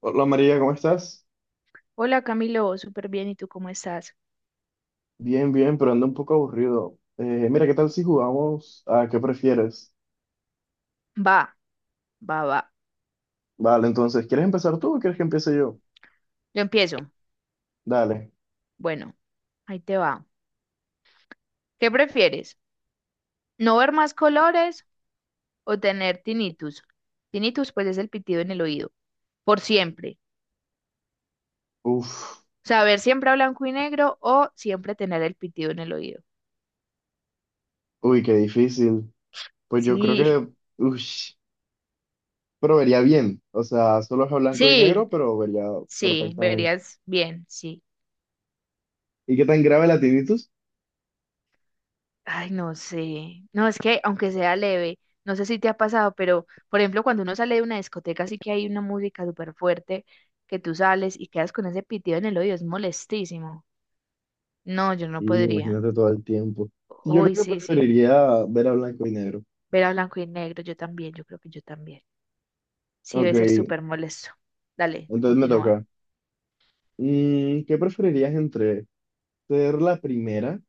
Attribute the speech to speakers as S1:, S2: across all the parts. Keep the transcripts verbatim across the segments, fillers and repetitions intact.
S1: Hola María, ¿cómo estás?
S2: Hola Camilo, súper bien, ¿y tú cómo estás?
S1: Bien, bien, pero ando un poco aburrido. Eh, mira, ¿qué tal si jugamos a qué prefieres?
S2: Va, va, va.
S1: Vale, entonces, ¿quieres empezar tú o quieres que empiece yo?
S2: Yo empiezo.
S1: Dale.
S2: Bueno, ahí te va. ¿Qué prefieres? ¿No ver más colores o tener tinnitus? Tinnitus, pues es el pitido en el oído, por siempre.
S1: Uf,
S2: O sea, ver siempre a blanco y negro o siempre tener el pitido en el oído.
S1: uy, qué difícil. Pues yo creo
S2: Sí,
S1: que, uff, pero vería bien. O sea, solo es a blanco y negro,
S2: sí,
S1: pero vería
S2: sí,
S1: perfectamente.
S2: verías bien, sí.
S1: ¿Y qué tan grave la tinnitus?
S2: Ay, no sé. No, es que aunque sea leve, no sé si te ha pasado, pero por ejemplo, cuando uno sale de una discoteca, sí que hay una música súper fuerte que tú sales y quedas con ese pitido en el oído, es molestísimo. No, yo no
S1: Y
S2: podría.
S1: imagínate todo el tiempo. Yo
S2: Uy,
S1: creo que
S2: sí, sí.
S1: preferiría ver a blanco y negro.
S2: Ver a blanco y negro, yo también, yo creo que yo también. Sí,
S1: Ok,
S2: debe ser súper molesto. Dale,
S1: entonces me
S2: continúa.
S1: toca. Mm, ¿qué preferirías entre ser la primera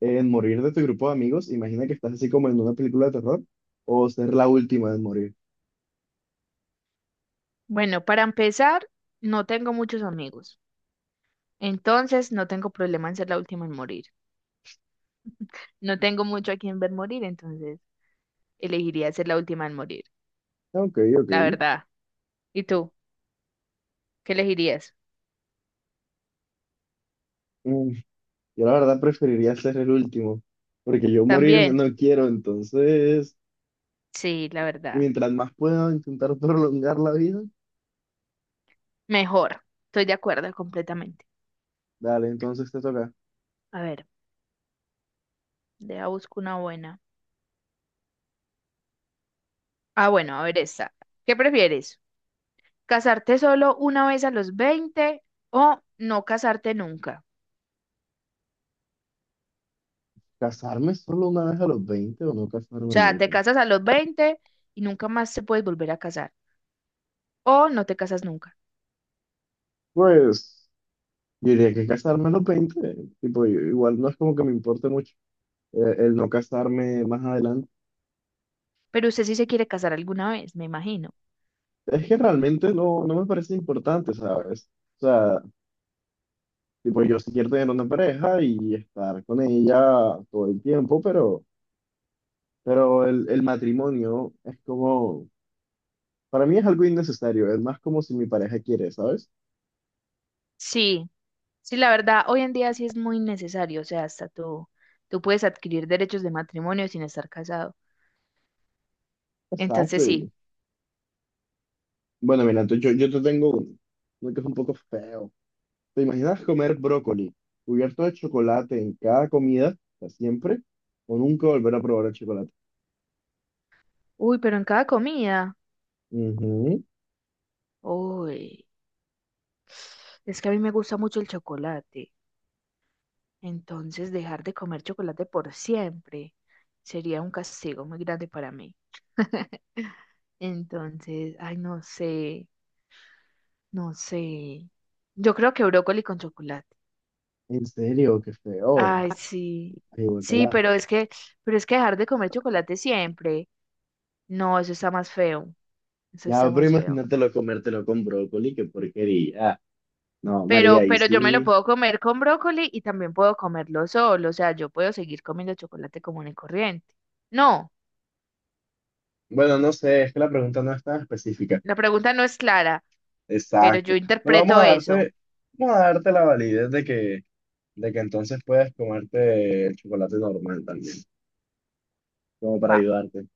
S1: en morir de tu grupo de amigos? Imagina que estás así como en una película de terror o ser la última en morir.
S2: Bueno, para empezar, no tengo muchos amigos. Entonces, no tengo problema en ser la última en morir. No tengo mucho a quien ver morir, entonces elegiría ser la última en morir,
S1: Ok, ok.
S2: la verdad. ¿Y tú? ¿Qué elegirías?
S1: Mm, Yo la verdad preferiría ser el último, porque yo morirme
S2: ¿También?
S1: no quiero, entonces,
S2: Sí, la verdad.
S1: mientras más pueda intentar prolongar la vida.
S2: Mejor. Estoy de acuerdo completamente.
S1: Dale, entonces te toca.
S2: A ver, deja busco una buena. Ah, bueno, a ver esta. ¿Qué prefieres? ¿Casarte solo una vez a los veinte o no casarte nunca?
S1: ¿Casarme solo una vez a los veinte o no
S2: O
S1: casarme
S2: sea, te
S1: nunca?
S2: casas a los veinte y nunca más se puedes volver a casar. O no te casas nunca.
S1: Pues, yo diría que casarme a los veinte, tipo, yo- igual no es como que me importe mucho, eh, el no casarme más adelante.
S2: Pero usted sí se quiere casar alguna vez, me imagino.
S1: Es que realmente no, no me parece importante, ¿sabes? O sea, tipo, yo sí quiero tener una pareja y estar con ella todo el tiempo, pero, pero el, el matrimonio es como, para mí es algo innecesario, es más como si mi pareja quiere, ¿sabes?
S2: Sí, sí, la verdad, hoy en día sí es muy necesario, o sea, hasta tú, tú puedes adquirir derechos de matrimonio sin estar casado. Entonces
S1: Exacto,
S2: sí.
S1: y bueno, mira, entonces yo, yo te tengo uno, uno que es un poco feo. ¿Te imaginas comer brócoli cubierto de chocolate en cada comida, para siempre, o nunca volver a probar el chocolate?
S2: Uy, pero en cada comida.
S1: Ujú.
S2: Uy, es que a mí me gusta mucho el chocolate. Entonces dejar de comer chocolate por siempre sería un castigo muy grande para mí. Entonces, ay, no sé, no sé. Yo creo que brócoli con chocolate.
S1: En serio, qué feo.
S2: Ay, sí.
S1: Ay,
S2: Sí,
S1: guacala.
S2: pero es que, pero es que dejar de comer chocolate siempre. No, eso está más feo. Eso
S1: Ya,
S2: está
S1: pero
S2: más feo.
S1: imagínatelo comértelo con brócoli, qué porquería. No, María,
S2: Pero,
S1: y
S2: pero yo me lo
S1: sí.
S2: puedo comer con brócoli y también puedo comerlo solo. O sea, yo puedo seguir comiendo chocolate común y corriente. No,
S1: Bueno, no sé, es que la pregunta no es tan específica.
S2: la pregunta no es clara, pero
S1: Exacto.
S2: yo
S1: Bueno, vamos a
S2: interpreto eso.
S1: darte, vamos a darte la validez de que, de que entonces puedes comerte el chocolate normal también, como para
S2: Va.
S1: ayudarte.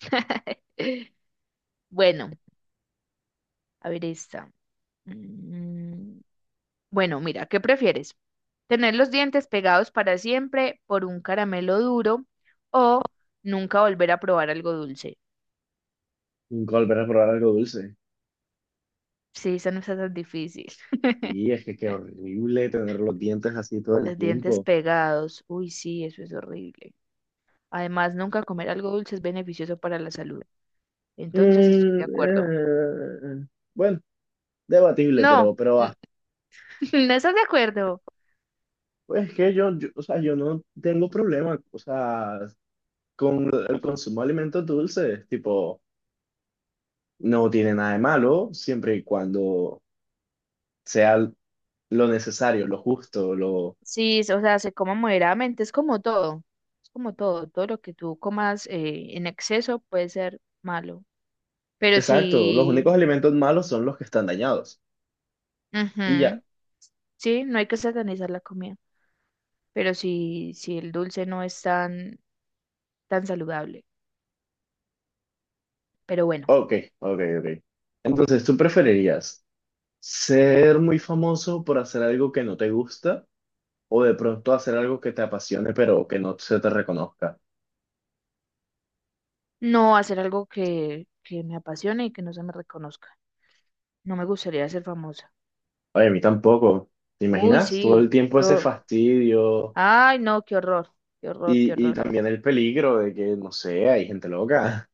S2: Bueno, a ver esta. Mm, Bueno, mira, ¿qué prefieres? ¿Tener los dientes pegados para siempre por un caramelo duro o nunca volver a probar algo dulce?
S1: Nunca volver a probar algo dulce.
S2: Sí, esa no está tan difícil.
S1: Sí, es que qué horrible tener los dientes así todo el
S2: Los dientes
S1: tiempo.
S2: pegados. Uy, sí, eso es horrible. Además, nunca comer algo dulce es beneficioso para la salud. Entonces estoy
S1: Mm,
S2: de acuerdo.
S1: eh, bueno, debatible,
S2: No,
S1: pero, pero
S2: n-
S1: va.
S2: No estás de acuerdo.
S1: Pues es que yo, yo, o sea, yo no tengo problema, o sea, con el consumo de alimentos dulces, tipo, no tiene nada de malo, siempre y cuando sea lo necesario, lo justo, lo...
S2: Sí, es- o sea, se coma moderadamente, es como todo. Es como todo. Todo lo que tú comas eh, en exceso puede ser malo. Pero
S1: Exacto, los únicos
S2: sí,
S1: alimentos malos son los que están dañados. Y ya.
S2: ujú, sí, no hay que, satanizar la comida. Pero sí, sí, el dulce no es tan, tan saludable. Pero bueno,
S1: Ok, ok, ok. Entonces, ¿tú preferirías ser muy famoso por hacer algo que no te gusta o de pronto hacer algo que te apasione pero que no se te reconozca?
S2: no hacer algo que, que me apasione y que no se me reconozca. No me gustaría ser famosa.
S1: Oye, a mí tampoco. ¿Te
S2: Uy,
S1: imaginas? Todo el
S2: sí.
S1: tiempo ese
S2: Yo.
S1: fastidio.
S2: Ay, no, qué horror. Qué horror,
S1: Y,
S2: qué
S1: y
S2: horror.
S1: también el peligro de que, no sé, hay gente loca.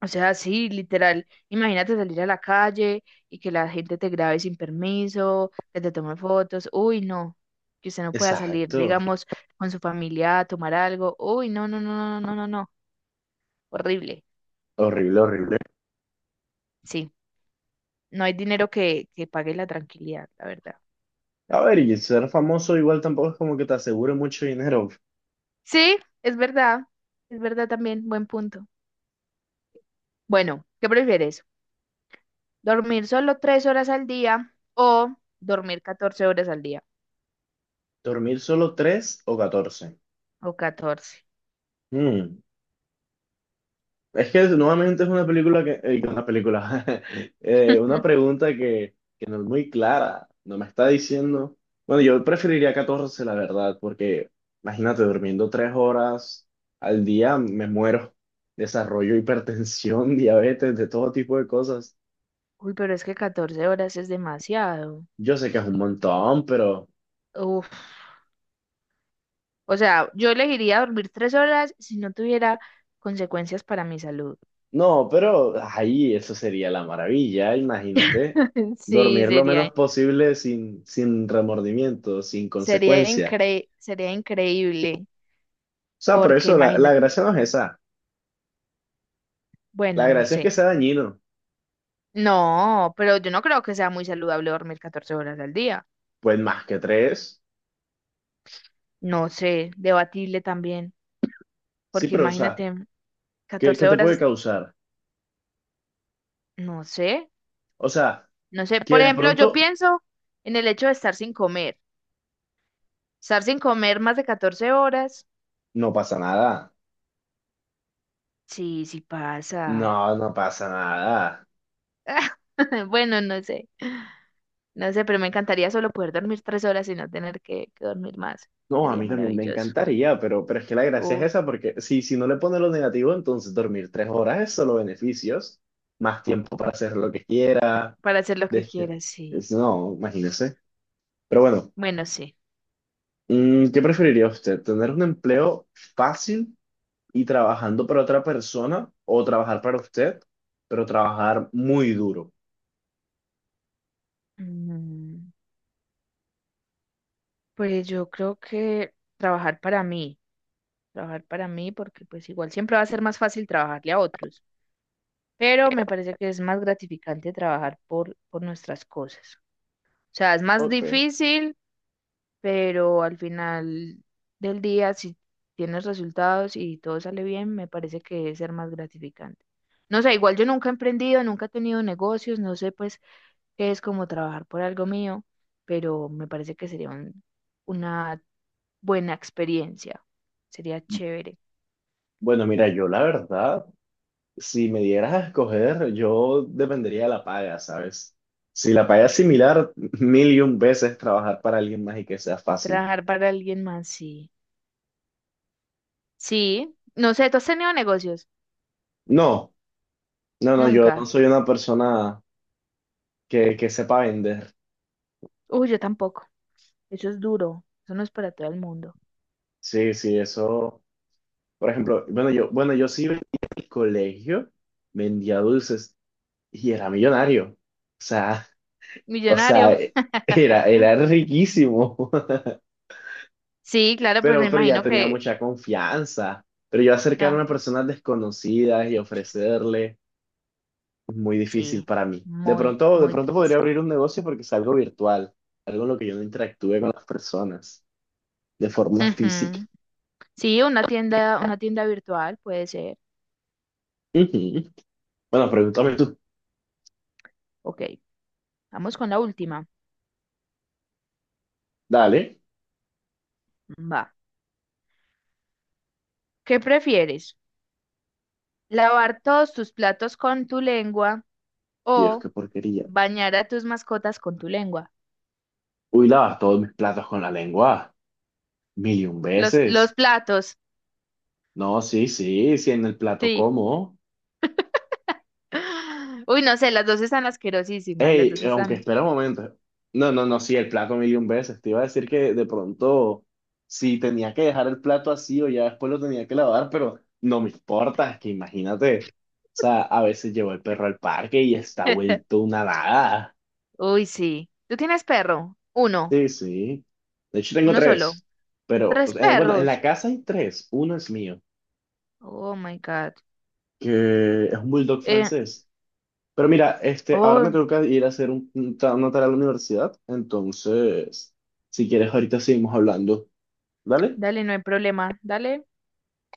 S2: O sea, sí, literal. Imagínate salir a la calle y que la gente te grabe sin permiso, que te tome fotos. Uy, no. Que usted no pueda salir,
S1: Exacto.
S2: digamos, con su familia a tomar algo. Uy, no, no, no, no, no, no, no. Horrible.
S1: Horrible, horrible.
S2: Sí. No hay dinero que, que pague la tranquilidad, la verdad.
S1: A ver, y ser famoso igual tampoco es como que te asegure mucho dinero.
S2: Sí, es verdad. Es verdad también. Buen punto. Bueno, ¿qué prefieres? Dormir solo tres horas al día o dormir catorce horas al día
S1: Dormir solo tres o catorce.
S2: o catorce.
S1: Hmm. Es que nuevamente es una película que, eh, una película, eh, una pregunta que, que no es muy clara, no me está diciendo, bueno, yo preferiría catorce la verdad, porque imagínate, durmiendo tres horas al día me muero, desarrollo hipertensión, diabetes, de todo tipo de cosas.
S2: Uy, pero es que catorce horas es demasiado.
S1: Yo sé que es un montón, pero
S2: Uf. O sea, yo elegiría dormir tres horas si no tuviera consecuencias para mi salud.
S1: no, pero ahí eso sería la maravilla, imagínate,
S2: Sí,
S1: dormir lo menos
S2: sería.
S1: posible sin, sin remordimiento, sin
S2: Sería
S1: consecuencia.
S2: incre- sería increíble,
S1: O sea, por
S2: porque
S1: eso la, la
S2: imagínate,
S1: gracia no es esa. La
S2: bueno, no
S1: gracia es que
S2: sé.
S1: sea dañino.
S2: No, pero yo no creo que sea muy saludable dormir catorce horas al día.
S1: Pues más que tres.
S2: No sé, debatible también,
S1: Sí,
S2: porque
S1: pero o sea,
S2: imagínate,
S1: ¿qué, qué
S2: catorce
S1: te puede
S2: horas,
S1: causar?
S2: no sé.
S1: O sea,
S2: No sé,
S1: que
S2: por
S1: de
S2: ejemplo, yo
S1: pronto
S2: pienso en el hecho de estar sin comer. Estar sin comer más de catorce horas.
S1: no pasa nada.
S2: Sí, sí
S1: No,
S2: pasa.
S1: no pasa nada.
S2: Bueno, no sé. No sé, pero me encantaría solo poder dormir tres horas y no tener que, que dormir más.
S1: No, a
S2: Sería
S1: mí también me
S2: maravilloso.
S1: encantaría, pero, pero es que la gracia es
S2: O
S1: esa, porque si, si no le pones lo negativo, entonces dormir tres horas es solo beneficios, más tiempo para hacer lo que quiera.
S2: para hacer lo que
S1: desca-
S2: quieras, sí.
S1: es- No, imagínese. Pero bueno,
S2: Bueno, sí.
S1: mm, ¿qué preferiría usted? ¿Tener un empleo fácil y trabajando para otra persona o trabajar para usted, pero trabajar muy duro?
S2: Mm, Pues yo creo que trabajar para mí. Trabajar para mí porque pues igual siempre va a ser más fácil trabajarle a otros. Pero me parece que es más gratificante trabajar por, por nuestras cosas. O sea, es más
S1: Ok.
S2: difícil, pero al final del día, si tienes resultados y todo sale bien, me parece que debe ser más gratificante. No sé, igual yo nunca he emprendido, nunca he tenido negocios, no sé pues qué es como trabajar por algo mío, pero me parece que sería un- una buena experiencia. Sería chévere.
S1: Bueno, mira, yo la verdad, si me dieras a escoger, yo dependería de la paga, ¿sabes? Si la paga es similar, mil y un veces trabajar para alguien más y que sea fácil.
S2: Trabajar para alguien más, sí. Sí, no sé, ¿tú has tenido negocios?
S1: No, no, no, yo no
S2: Nunca.
S1: soy una persona que, que sepa vender.
S2: Uy, yo tampoco. Eso es duro. Eso no es para todo el mundo.
S1: Sí, sí, eso. Por ejemplo, bueno, yo, bueno, yo sí vendía en el colegio, vendía dulces y era millonario. O sea, O sea,
S2: Millonario.
S1: eh, era, era riquísimo,
S2: Sí, claro, pues me
S1: pero, pero ya
S2: imagino
S1: tenía
S2: que,
S1: mucha confianza. Pero yo acercarme
S2: ah,
S1: a personas desconocidas y ofrecerle es muy difícil
S2: sí,
S1: para mí. De
S2: muy,
S1: pronto, de
S2: muy
S1: pronto podría
S2: difícil.
S1: abrir un negocio porque es algo virtual, algo en lo que yo no interactúe con las personas de forma física.
S2: Ujú. Sí, una tienda, una tienda virtual puede ser.
S1: Ujú. Bueno, pregúntame tú.
S2: Ok, vamos con la última.
S1: Dale.
S2: Va. ¿Qué prefieres? ¿Lavar todos tus platos con tu lengua
S1: Dios,
S2: o
S1: qué porquería.
S2: bañar a tus mascotas con tu lengua?
S1: Uy, lavas todos mis platos con la lengua. Mil y un
S2: Los, los
S1: veces.
S2: platos,
S1: No, sí, sí, sí, en el plato
S2: sí.
S1: como.
S2: Uy, no sé, las dos están asquerosísimas, las
S1: Ey,
S2: dos
S1: aunque
S2: están.
S1: espera un momento. No, no, no, sí, el plato millón veces. Te iba a decir que de pronto, si tenía que dejar el plato así o ya después lo tenía que lavar, pero no me importa, es que imagínate. O sea, a veces llevo el perro al parque y está vuelto una nada.
S2: Uy, sí. ¿Tú tienes perro? Uno,
S1: Sí, sí. De hecho, tengo
S2: uno solo.
S1: tres. Pero, o
S2: Tres
S1: sea, eh, bueno, en la
S2: perros.
S1: casa hay tres. Uno es mío,
S2: Oh my God.
S1: que es un bulldog
S2: Eh,
S1: francés. Pero mira, este, ahora me
S2: oh,
S1: tengo que ir a hacer un, un ta- una tarea a la universidad. Entonces, si quieres, ahorita seguimos hablando. ¿Dale?
S2: dale, no hay problema. Dale.